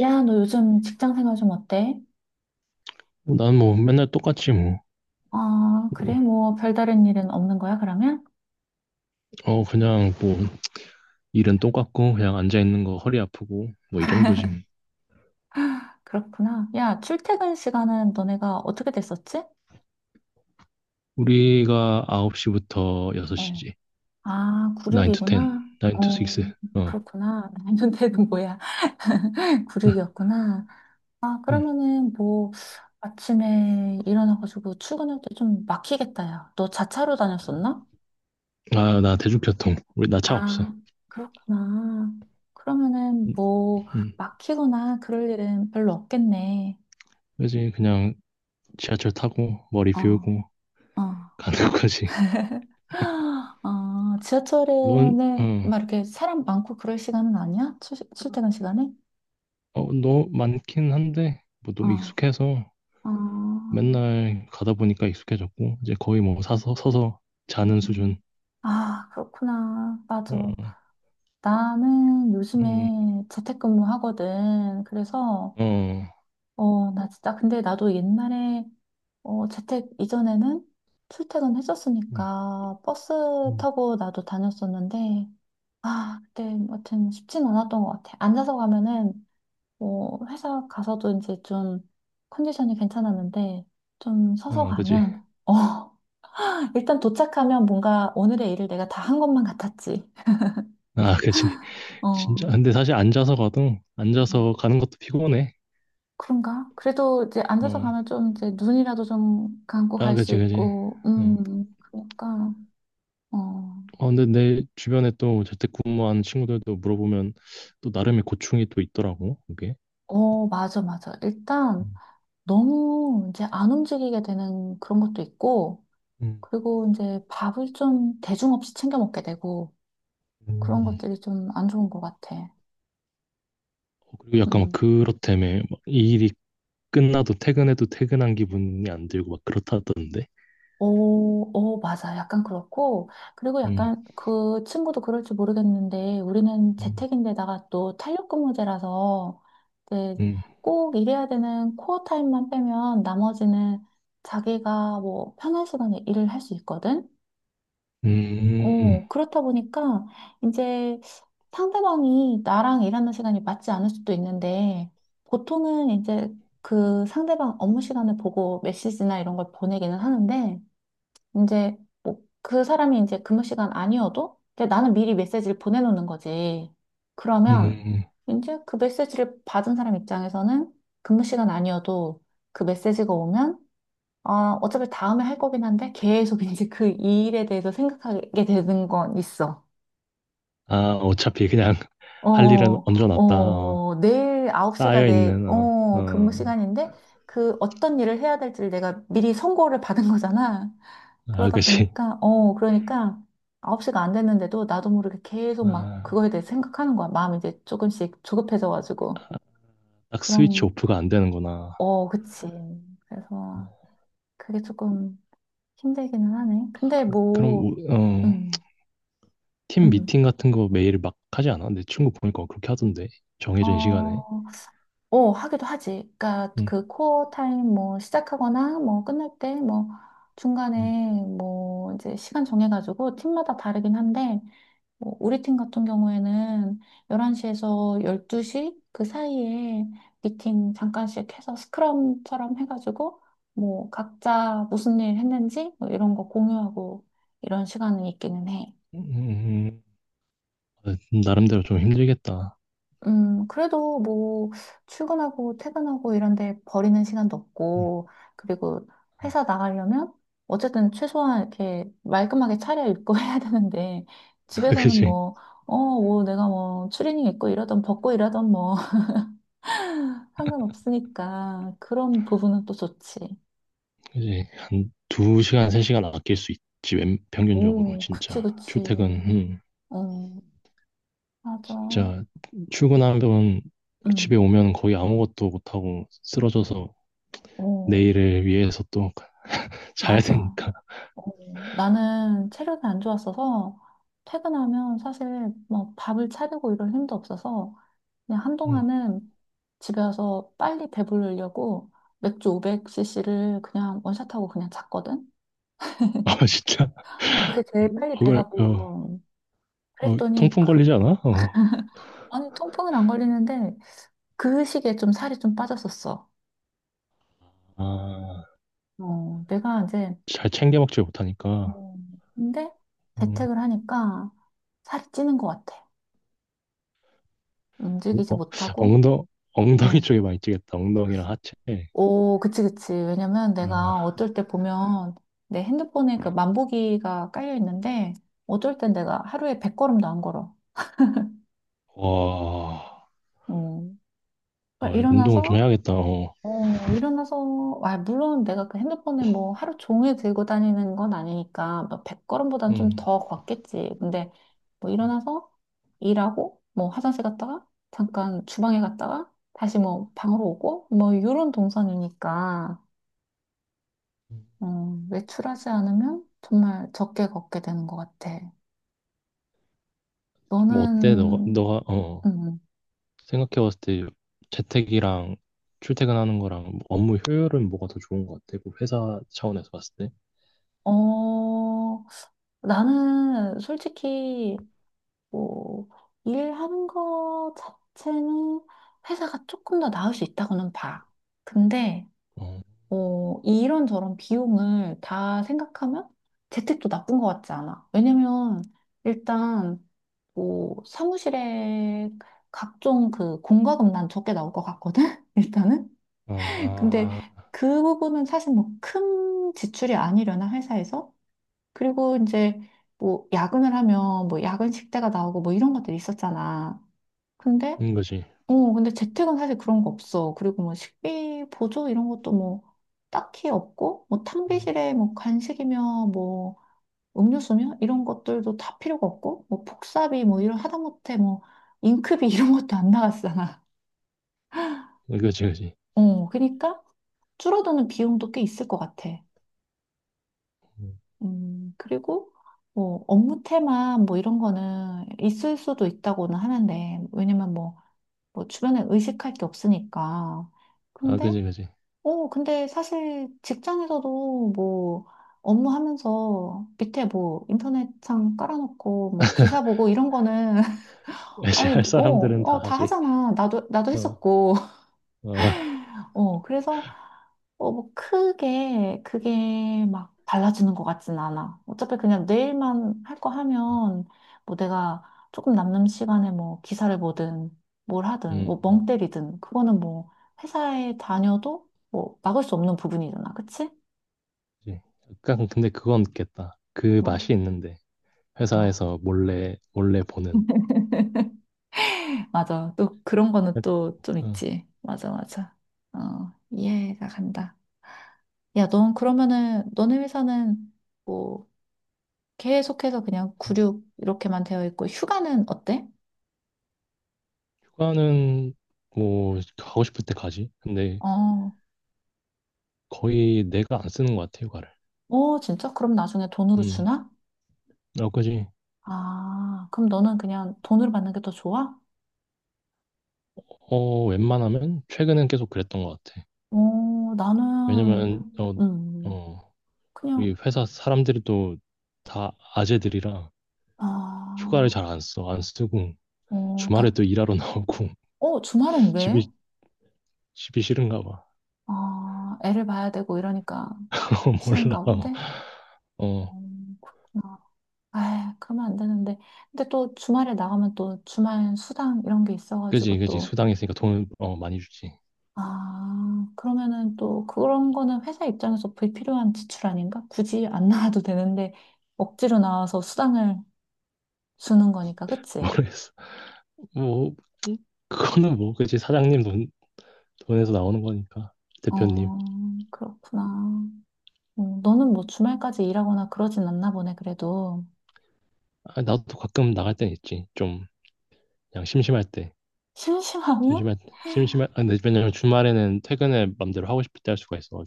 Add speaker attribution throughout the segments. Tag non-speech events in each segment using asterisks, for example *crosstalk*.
Speaker 1: 야, 너 요즘 직장 생활 좀 어때?
Speaker 2: 뭐, 난뭐 맨날 똑같지 뭐.
Speaker 1: 아, 그래?
Speaker 2: 뭐,
Speaker 1: 뭐, 별다른 일은 없는 거야, 그러면?
Speaker 2: 그냥 뭐 일은 똑같고 그냥 앉아 있는 거 허리 아프고 뭐 이 정도지 뭐.
Speaker 1: 그렇구나. 야, 출퇴근 시간은 너네가 어떻게 됐었지?
Speaker 2: 우리가 9시부터
Speaker 1: 어.
Speaker 2: 6시지.
Speaker 1: 아, 구륙
Speaker 2: 9
Speaker 1: 이
Speaker 2: to
Speaker 1: 구
Speaker 2: 10,
Speaker 1: 나
Speaker 2: 9 to 6. 어.
Speaker 1: 그렇구나. *laughs* 년대는 뭐야? *laughs* 구륙이었구나 아,
Speaker 2: 음.
Speaker 1: 그러면은 뭐, 아침에 일어나가지고 출근할 때 좀 막히겠다, 야. 너 자차로 다녔었나?
Speaker 2: 아, 나 대중교통. 우리 나 차
Speaker 1: 아,
Speaker 2: 없어.
Speaker 1: 그렇구나. 그러면은
Speaker 2: 음,
Speaker 1: 뭐,
Speaker 2: 음.
Speaker 1: 막히거나 그럴 일은 별로 없겠네.
Speaker 2: 그지 그냥 지하철 타고 머리
Speaker 1: 어.
Speaker 2: 비우고
Speaker 1: 아,
Speaker 2: *laughs* 가는 거지.
Speaker 1: *gasps* 아,
Speaker 2: 넌,
Speaker 1: 지하철에는
Speaker 2: 어,
Speaker 1: 막 이렇게 사람 많고 그럴 시간은 아니야? 출, 출퇴근 시간에?
Speaker 2: 너 많긴 한데 뭐
Speaker 1: 아,
Speaker 2: 너무 익숙해서
Speaker 1: 아,
Speaker 2: 맨날 가다 보니까 익숙해졌고 이제 거의 뭐 사서 서서 자는 수준.
Speaker 1: 음. 아, 그렇구나. 맞아.
Speaker 2: 어.
Speaker 1: 나는
Speaker 2: 음,
Speaker 1: 요즘에 재택근무 하거든. 그래서,
Speaker 2: 어,
Speaker 1: 나 진짜, 근데 나도 옛날에, 재택 이전에는 출퇴근
Speaker 2: 음,
Speaker 1: 했었으니까 버스
Speaker 2: 음.
Speaker 1: 타고 나도 다녔었는데, 아, 그때, 아무튼 쉽진 않았던 것 같아. 앉아서 가면은 뭐 회사 가서도 이제 좀 컨디션이 괜찮았는데 좀 서서
Speaker 2: 아, 그지.
Speaker 1: 가면 *laughs* 일단 도착하면 뭔가 오늘의 일을 내가 다 한 것만 같았지.
Speaker 2: 아, 그지.
Speaker 1: 어
Speaker 2: 진짜. 근데 사실
Speaker 1: 음.
Speaker 2: 앉아서 가는 것도 피곤해.
Speaker 1: 그런가? 그래도 이제 앉아서
Speaker 2: 어,
Speaker 1: 가면 좀 이제 눈이라도 좀 감고
Speaker 2: 아,
Speaker 1: 갈 수
Speaker 2: 그지, 그지.
Speaker 1: 있고
Speaker 2: 어,
Speaker 1: 그러니까 어
Speaker 2: 근데 내 주변에 또 재택근무하는 친구들도 물어보면 또 나름의 고충이 또 있더라고, 그게.
Speaker 1: 맞아 맞아 일단 너무 이제 안 움직이게 되는 그런 것도 있고
Speaker 2: 음.
Speaker 1: 그리고 이제 밥을 좀 대중 없이 챙겨 먹게 되고 그런
Speaker 2: 음.
Speaker 1: 것들이 좀 안 좋은 것 같아.
Speaker 2: 그리고 약간 막
Speaker 1: 음.
Speaker 2: 그렇다며. 막이 일이 끝나도 퇴근해도 퇴근한 기분이 안 들고 막 그렇다던데.
Speaker 1: 오, 오, 맞아. 약간 그렇고. 그리고
Speaker 2: 음,
Speaker 1: 약간 그 친구도 그럴지 모르겠는데, 우리는
Speaker 2: 음.
Speaker 1: 재택인데다가 또 탄력근무제라서, 이제
Speaker 2: 음,
Speaker 1: 꼭 일해야 되는 코어 타임만 빼면 나머지는 자기가 뭐 편한 시간에 일을 할 수 있거든?
Speaker 2: 음,
Speaker 1: 그렇다 보니까 이제 상대방이 나랑 일하는 시간이 맞지 않을 수도 있는데, 보통은 이제 그 상대방 업무 시간을 보고 메시지나 이런 걸 보내기는 하는데, 이제 뭐 그 사람이 이제 근무 시간 아니어도 이제 나는 미리 메시지를 보내놓는 거지. 그러면
Speaker 2: 음.
Speaker 1: 이제 그 메시지를 받은 사람 입장에서는 근무 시간 아니어도 그 메시지가 오면 아, 어차피 다음에 할 거긴 한데 계속 *laughs* 이제 그 일에 대해서 생각하게 되는 건 있어.
Speaker 2: 아, 어차피 그냥 할 일은 얹어놨다.
Speaker 1: 내일 9시가
Speaker 2: 쌓여있는,
Speaker 1: 근무 시간인데, 그 어떤 일을 해야 될지를 내가 미리 선고를 받은 거잖아.
Speaker 2: 아,
Speaker 1: 그러다
Speaker 2: 그치.
Speaker 1: 보니까, 그러니까 9시가 안 됐는데도 나도 모르게 계속 막 그거에 대해
Speaker 2: 아,
Speaker 1: 생각하는 거야. 마음이 이제 조금씩 조급해져가지고.
Speaker 2: 딱 스위치
Speaker 1: 그럼,
Speaker 2: 오프가 안 되는구나.
Speaker 1: 어, 그치. 그래서 그게 조금 힘들기는 하네. 근데
Speaker 2: 그럼,
Speaker 1: 뭐, 음,
Speaker 2: 팀
Speaker 1: 음.
Speaker 2: 미팅 같은 거 매일 막 하지 않아? 내 친구 보니까 그렇게 하던데. 정해진 시간에.
Speaker 1: 어, 하기도 하지. 그러니까
Speaker 2: 응,
Speaker 1: 그 코어 타임 뭐 시작하거나 뭐 끝날 때 뭐
Speaker 2: 응,
Speaker 1: 중간에 뭐 이제 시간 정해가지고 팀마다 다르긴 한데 뭐 우리 팀 같은 경우에는 11시에서 12시 그 사이에 미팅 잠깐씩 해서 스크럼처럼 해가지고 뭐 각자 무슨 일 했는지 뭐 이런 거 공유하고 이런 시간은 있기는 해.
Speaker 2: 응, 응. 아, 나름대로 좀 힘들겠다.
Speaker 1: 그래도 뭐, 출근하고 퇴근하고 이런데 버리는 시간도
Speaker 2: 응.
Speaker 1: 없고, 그리고 회사 나가려면, 어쨌든 최소한 이렇게 말끔하게 차려입고 *laughs* 해야 되는데,
Speaker 2: *laughs*
Speaker 1: 집에서는
Speaker 2: 그치.
Speaker 1: 뭐, 어, 뭐 내가 뭐, 추리닝 입고 이러던 벗고 이러던 뭐, *laughs* 상관없으니까, 그런 부분은 또 좋지.
Speaker 2: 그치. 한 두시간세시간 아낄 수 있지. 평균적으로,
Speaker 1: 오, 그치,
Speaker 2: 진짜.
Speaker 1: 그치.
Speaker 2: 출퇴근,
Speaker 1: 어, 맞아.
Speaker 2: 진짜, 출근하면
Speaker 1: 응,
Speaker 2: 집에 오면 거의 아무것도 못하고 쓰러져서
Speaker 1: 어,
Speaker 2: 내일을 위해서 또 자야
Speaker 1: 맞아.
Speaker 2: 되니까.
Speaker 1: 어, 나는 체력이 안 좋았어서 퇴근하면 사실 뭐 밥을 차리고 이럴 힘도 없어서 그냥
Speaker 2: 음.
Speaker 1: 한동안은 집에 와서 빨리 배부르려고 맥주 500cc를 그냥 원샷하고 그냥 잤거든.
Speaker 2: *laughs* 아, 진짜.
Speaker 1: 아, 그게 제일 빨리
Speaker 2: 그걸,
Speaker 1: 배가
Speaker 2: 어,
Speaker 1: 불러. 그랬더니
Speaker 2: 통풍
Speaker 1: 그
Speaker 2: 걸리지 않아? 어.
Speaker 1: 아니 통풍은 안 걸리는데 그 시기에 좀 살이 좀 빠졌었어.
Speaker 2: 아,
Speaker 1: 어, 내가 이제
Speaker 2: 잘 챙겨 먹지 못하니까.
Speaker 1: 어, 근데
Speaker 2: 음,
Speaker 1: 재택을 하니까 살이 찌는 것 같아. 움직이지
Speaker 2: 어,
Speaker 1: 못하고.
Speaker 2: 엉덩, 엉덩이
Speaker 1: 어.
Speaker 2: 쪽에 많이 찌겠다. 엉덩이랑 하체.
Speaker 1: 오, 그치, 그치. 왜냐면 내가
Speaker 2: 아,
Speaker 1: 어쩔 때 보면 내 핸드폰에 그 만보기가 깔려 있는데 어쩔 땐 내가 하루에 100걸음도 안 걸어.
Speaker 2: 와,
Speaker 1: 음. 그러니까
Speaker 2: 와, 운동을 좀
Speaker 1: 일어나서,
Speaker 2: 해야겠다. 어.
Speaker 1: 일어나서, 아, 물론 내가 그 핸드폰에 뭐 하루 종일 들고 다니는 건 아니니까 뭐 100걸음보단 좀
Speaker 2: 음.
Speaker 1: 더 걷겠지. 근데 뭐 일어나서 일하고 뭐 화장실 갔다가 잠깐 주방에 갔다가 다시 뭐 방으로 오고 뭐 이런 동선이니까 어, 외출하지 않으면 정말 적게 걷게 되는 것 같아.
Speaker 2: 좀 어때? 너가,
Speaker 1: 너는,
Speaker 2: 너가, 어,
Speaker 1: 음,
Speaker 2: 생각해봤을 때 재택이랑 출퇴근하는 거랑 뭐 업무 효율은 뭐가 더 좋은 것 같아? 그 회사 차원에서 봤을 때?
Speaker 1: 어, 나는 솔직히, 뭐, 일하는 거 자체는 회사가 조금 더 나을 수 있다고는 봐. 근데,
Speaker 2: 어,
Speaker 1: 뭐 이런저런 비용을 다 생각하면 재택도 나쁜 것 같지 않아. 왜냐면, 일단, 뭐, 사무실에 각종 그 공과금 난 적게 나올 것 같거든? *laughs* 일단은. 근데
Speaker 2: 아,
Speaker 1: 그 부분은 사실 뭐 큰 지출이 아니려나 회사에서? 그리고 이제 뭐 야근을 하면 뭐 야근 식대가 나오고 뭐 이런 것들이 있었잖아. 근데
Speaker 2: 그런 거지.
Speaker 1: 근데 재택은 사실 그런 거 없어. 그리고 뭐 식비 보조 이런 것도 뭐 딱히 없고 뭐
Speaker 2: 음.
Speaker 1: 탕비실에 뭐 간식이며 뭐 음료수며 이런 것들도 다 필요가 없고 뭐 복사비 뭐 이런 하다못해 뭐 잉크비 *laughs* 이런 것도 안 나갔잖아.
Speaker 2: 어, 그지, 그지.
Speaker 1: 그러니까 줄어드는 비용도 꽤 있을 것 같아.
Speaker 2: 음.
Speaker 1: 그리고 뭐 업무 테마 뭐 이런 거는 있을 수도 있다고는 하는데 왜냐면 뭐, 뭐 주변에 의식할 게 없으니까.
Speaker 2: 아,
Speaker 1: 근데
Speaker 2: 그지, 그지.
Speaker 1: 근데 사실 직장에서도 뭐 업무 하면서 밑에 뭐 인터넷창 깔아놓고 뭐 기사 보고 이런 거는 *laughs*
Speaker 2: *laughs*
Speaker 1: 아니
Speaker 2: 할
Speaker 1: 뭐,
Speaker 2: 사람들은
Speaker 1: 어,
Speaker 2: 다
Speaker 1: 어, 다
Speaker 2: 하지.
Speaker 1: 하잖아. 나도
Speaker 2: 어,
Speaker 1: 했었고. *laughs*
Speaker 2: 어,
Speaker 1: 그래서 어, 뭐 크게 그게 막 달라지는 것 같진 않아. 어차피 그냥 내일만 할 거 하면 뭐 내가 조금 남는 시간에 뭐 기사를 보든 뭘 하든
Speaker 2: 음,
Speaker 1: 뭐 멍
Speaker 2: 음.
Speaker 1: 때리든 그거는 뭐 회사에 다녀도 뭐 막을 수 없는 부분이잖아. 그치?
Speaker 2: 그지. 약간, 근데 그건 있겠다. 그
Speaker 1: 뭐,
Speaker 2: 맛이 있는데.
Speaker 1: 뭐.
Speaker 2: 회사에서 몰래, 몰래 보는.
Speaker 1: *laughs* 맞아. 또 그런 거는 또 좀
Speaker 2: 어.
Speaker 1: 있지. 맞아, 맞아. 어, 이해가 간다. 야, 넌 그러면은 너네 회사는 뭐 계속해서 그냥 구
Speaker 2: 음.
Speaker 1: 6 이렇게만 되어 있고 휴가는 어때?
Speaker 2: 휴가는, 뭐, 가고 싶을 때 가지. 근데
Speaker 1: 어,
Speaker 2: 거의 내가 안 쓰는 것 같아, 휴가를.
Speaker 1: 어, 진짜? 그럼 나중에 돈으로
Speaker 2: 음,
Speaker 1: 주나?
Speaker 2: 어, 그지.
Speaker 1: 아, 그럼 너는 그냥 돈으로 받는 게 더 좋아?
Speaker 2: 어, 웬만하면 최근엔 계속 그랬던 것 같아.
Speaker 1: 어, 나는
Speaker 2: 왜냐면,
Speaker 1: 음,
Speaker 2: 어, 우리
Speaker 1: 그냥
Speaker 2: 회사 사람들이 또 다 아재들이라. 휴가를
Speaker 1: 아,
Speaker 2: 잘 안 써. 안 쓰고
Speaker 1: 어, 다,
Speaker 2: 주말에 또 일하러 나오고 *laughs*
Speaker 1: 어, 주말은 왜?
Speaker 2: 집이 집이 싫은가 봐.
Speaker 1: 아, 애를 봐야 되고 이러니까
Speaker 2: *laughs* 어, 몰라.
Speaker 1: 싫은가
Speaker 2: 어,
Speaker 1: 본데?
Speaker 2: 어,
Speaker 1: 그렇구나. 아, 그러면 안 되는데. 근데 또 주말에 나가면 또 주말 수당 이런 게
Speaker 2: 그지
Speaker 1: 있어가지고
Speaker 2: 그지
Speaker 1: 또
Speaker 2: 수당 있으니까 돈 많이 주지.
Speaker 1: 아, 그러면은 또 그런 거는 회사 입장에서 불필요한 지출 아닌가? 굳이 안 *laughs* 나와도 되는데 억지로 나와서 수당을 주는 거니까,
Speaker 2: *laughs*
Speaker 1: 그치?
Speaker 2: 모르겠어. 뭐 그거는 뭐 그지 사장님 돈 돈에서 나오는 거니까 대표님.
Speaker 1: 어, 그렇구나. 너는 뭐 주말까지 일하거나 그러진 않나 보네, 그래도.
Speaker 2: 아, 나도 가끔 나갈 땐 있지. 좀 그냥 심심할 때.
Speaker 1: 심심하면?
Speaker 2: 심심할 심심할 아, 근데 왜냐면 주말에는 퇴근을 맘대로 하고 싶을 때 할 수가 있어가지고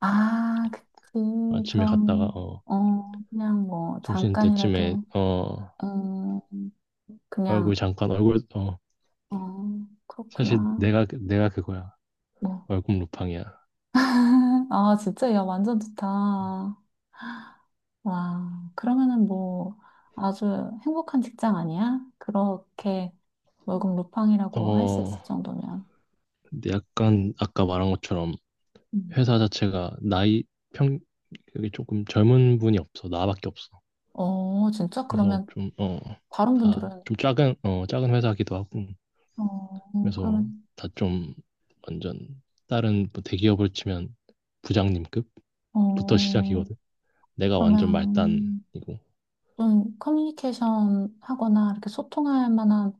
Speaker 1: 아, 그치.
Speaker 2: 아침에 갔다가
Speaker 1: 그럼, 어, 그냥 뭐
Speaker 2: 점심 때쯤에
Speaker 1: 잠깐이라도, 음, 그냥,
Speaker 2: 얼굴
Speaker 1: 어,
Speaker 2: 사실
Speaker 1: 그렇구나.
Speaker 2: 내가 그거야.
Speaker 1: 뭐.
Speaker 2: 월급 루팡이야.
Speaker 1: *laughs* 아, 진짜, 야, 완전 좋다. 와, 그러면은 뭐 아주 행복한 직장 아니야? 그렇게 월급 루팡이라고 할 수
Speaker 2: 어,
Speaker 1: 있을 정도면.
Speaker 2: 근데 약간 아까 말한 것처럼
Speaker 1: 음.
Speaker 2: 회사 자체가 나이 평 그게 조금 젊은 분이 없어. 나밖에 없어.
Speaker 1: 어, 진짜?
Speaker 2: 그래서
Speaker 1: 그러면
Speaker 2: 좀
Speaker 1: 다른
Speaker 2: 다
Speaker 1: 분들은,
Speaker 2: 좀 작은 회사기도 하고.
Speaker 1: 어,
Speaker 2: 그래서
Speaker 1: 그러면,
Speaker 2: 다 좀 완전 다른 뭐 대기업을 치면 부장님급부터
Speaker 1: 어,
Speaker 2: 시작이거든. 내가 완전
Speaker 1: 그러면
Speaker 2: 말단이고.
Speaker 1: 좀 커뮤니케이션 하거나 이렇게 소통할 만한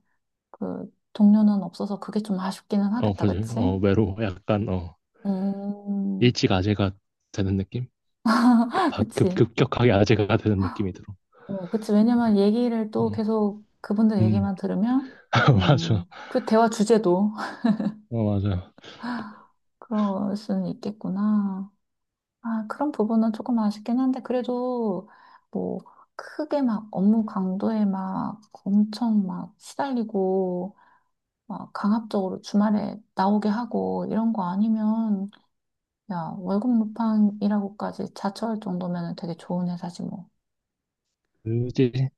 Speaker 1: 그 동료는 없어서 그게 좀 아쉽기는
Speaker 2: 어,
Speaker 1: 하겠다,
Speaker 2: 그지.
Speaker 1: 그치?
Speaker 2: 어, 외로 약간
Speaker 1: 음,
Speaker 2: 일찌감치가 되는 느낌?
Speaker 1: *laughs* 그치?
Speaker 2: 급격하게 아재가 되는 느낌이 들어.
Speaker 1: 어, 그치. 왜냐면 얘기를 또
Speaker 2: 어,
Speaker 1: 계속 그분들
Speaker 2: 음,
Speaker 1: 얘기만 들으면,
Speaker 2: *laughs* 맞아.
Speaker 1: 그 대화 주제도 *laughs*
Speaker 2: 어, 맞아.
Speaker 1: 그럴 수는 있겠구나. 아, 그런 부분은 조금 아쉽긴 한데, 그래도 뭐, 크게 막 업무 강도에 막 엄청 막 시달리고, 막 강압적으로 주말에 나오게 하고, 이런 거 아니면, 야, 월급 루팡이라고까지 자처할 정도면 되게 좋은 회사지 뭐.
Speaker 2: 그지?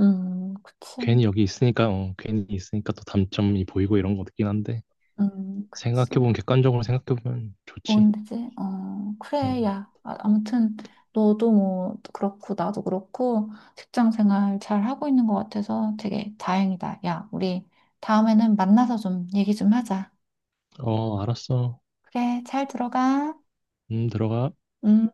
Speaker 1: 그치.
Speaker 2: 괜히 여기 있으니까, 괜히 있으니까 또 단점이 보이고 이런 거 같긴 한데,
Speaker 1: 그치.
Speaker 2: 생각해보면, 객관적으로 생각해보면 좋지.
Speaker 1: 뭔데지? 어, 그래,
Speaker 2: 음,
Speaker 1: 야. 아, 아무튼, 너도 뭐, 그렇고, 나도 그렇고, 직장 생활 잘 하고 있는 것 같아서 되게 다행이다. 야, 우리 다음에는 만나서 좀 얘기 좀 하자.
Speaker 2: 어, 알았어.
Speaker 1: 그래, 잘 들어가.
Speaker 2: 들어가.
Speaker 1: 음.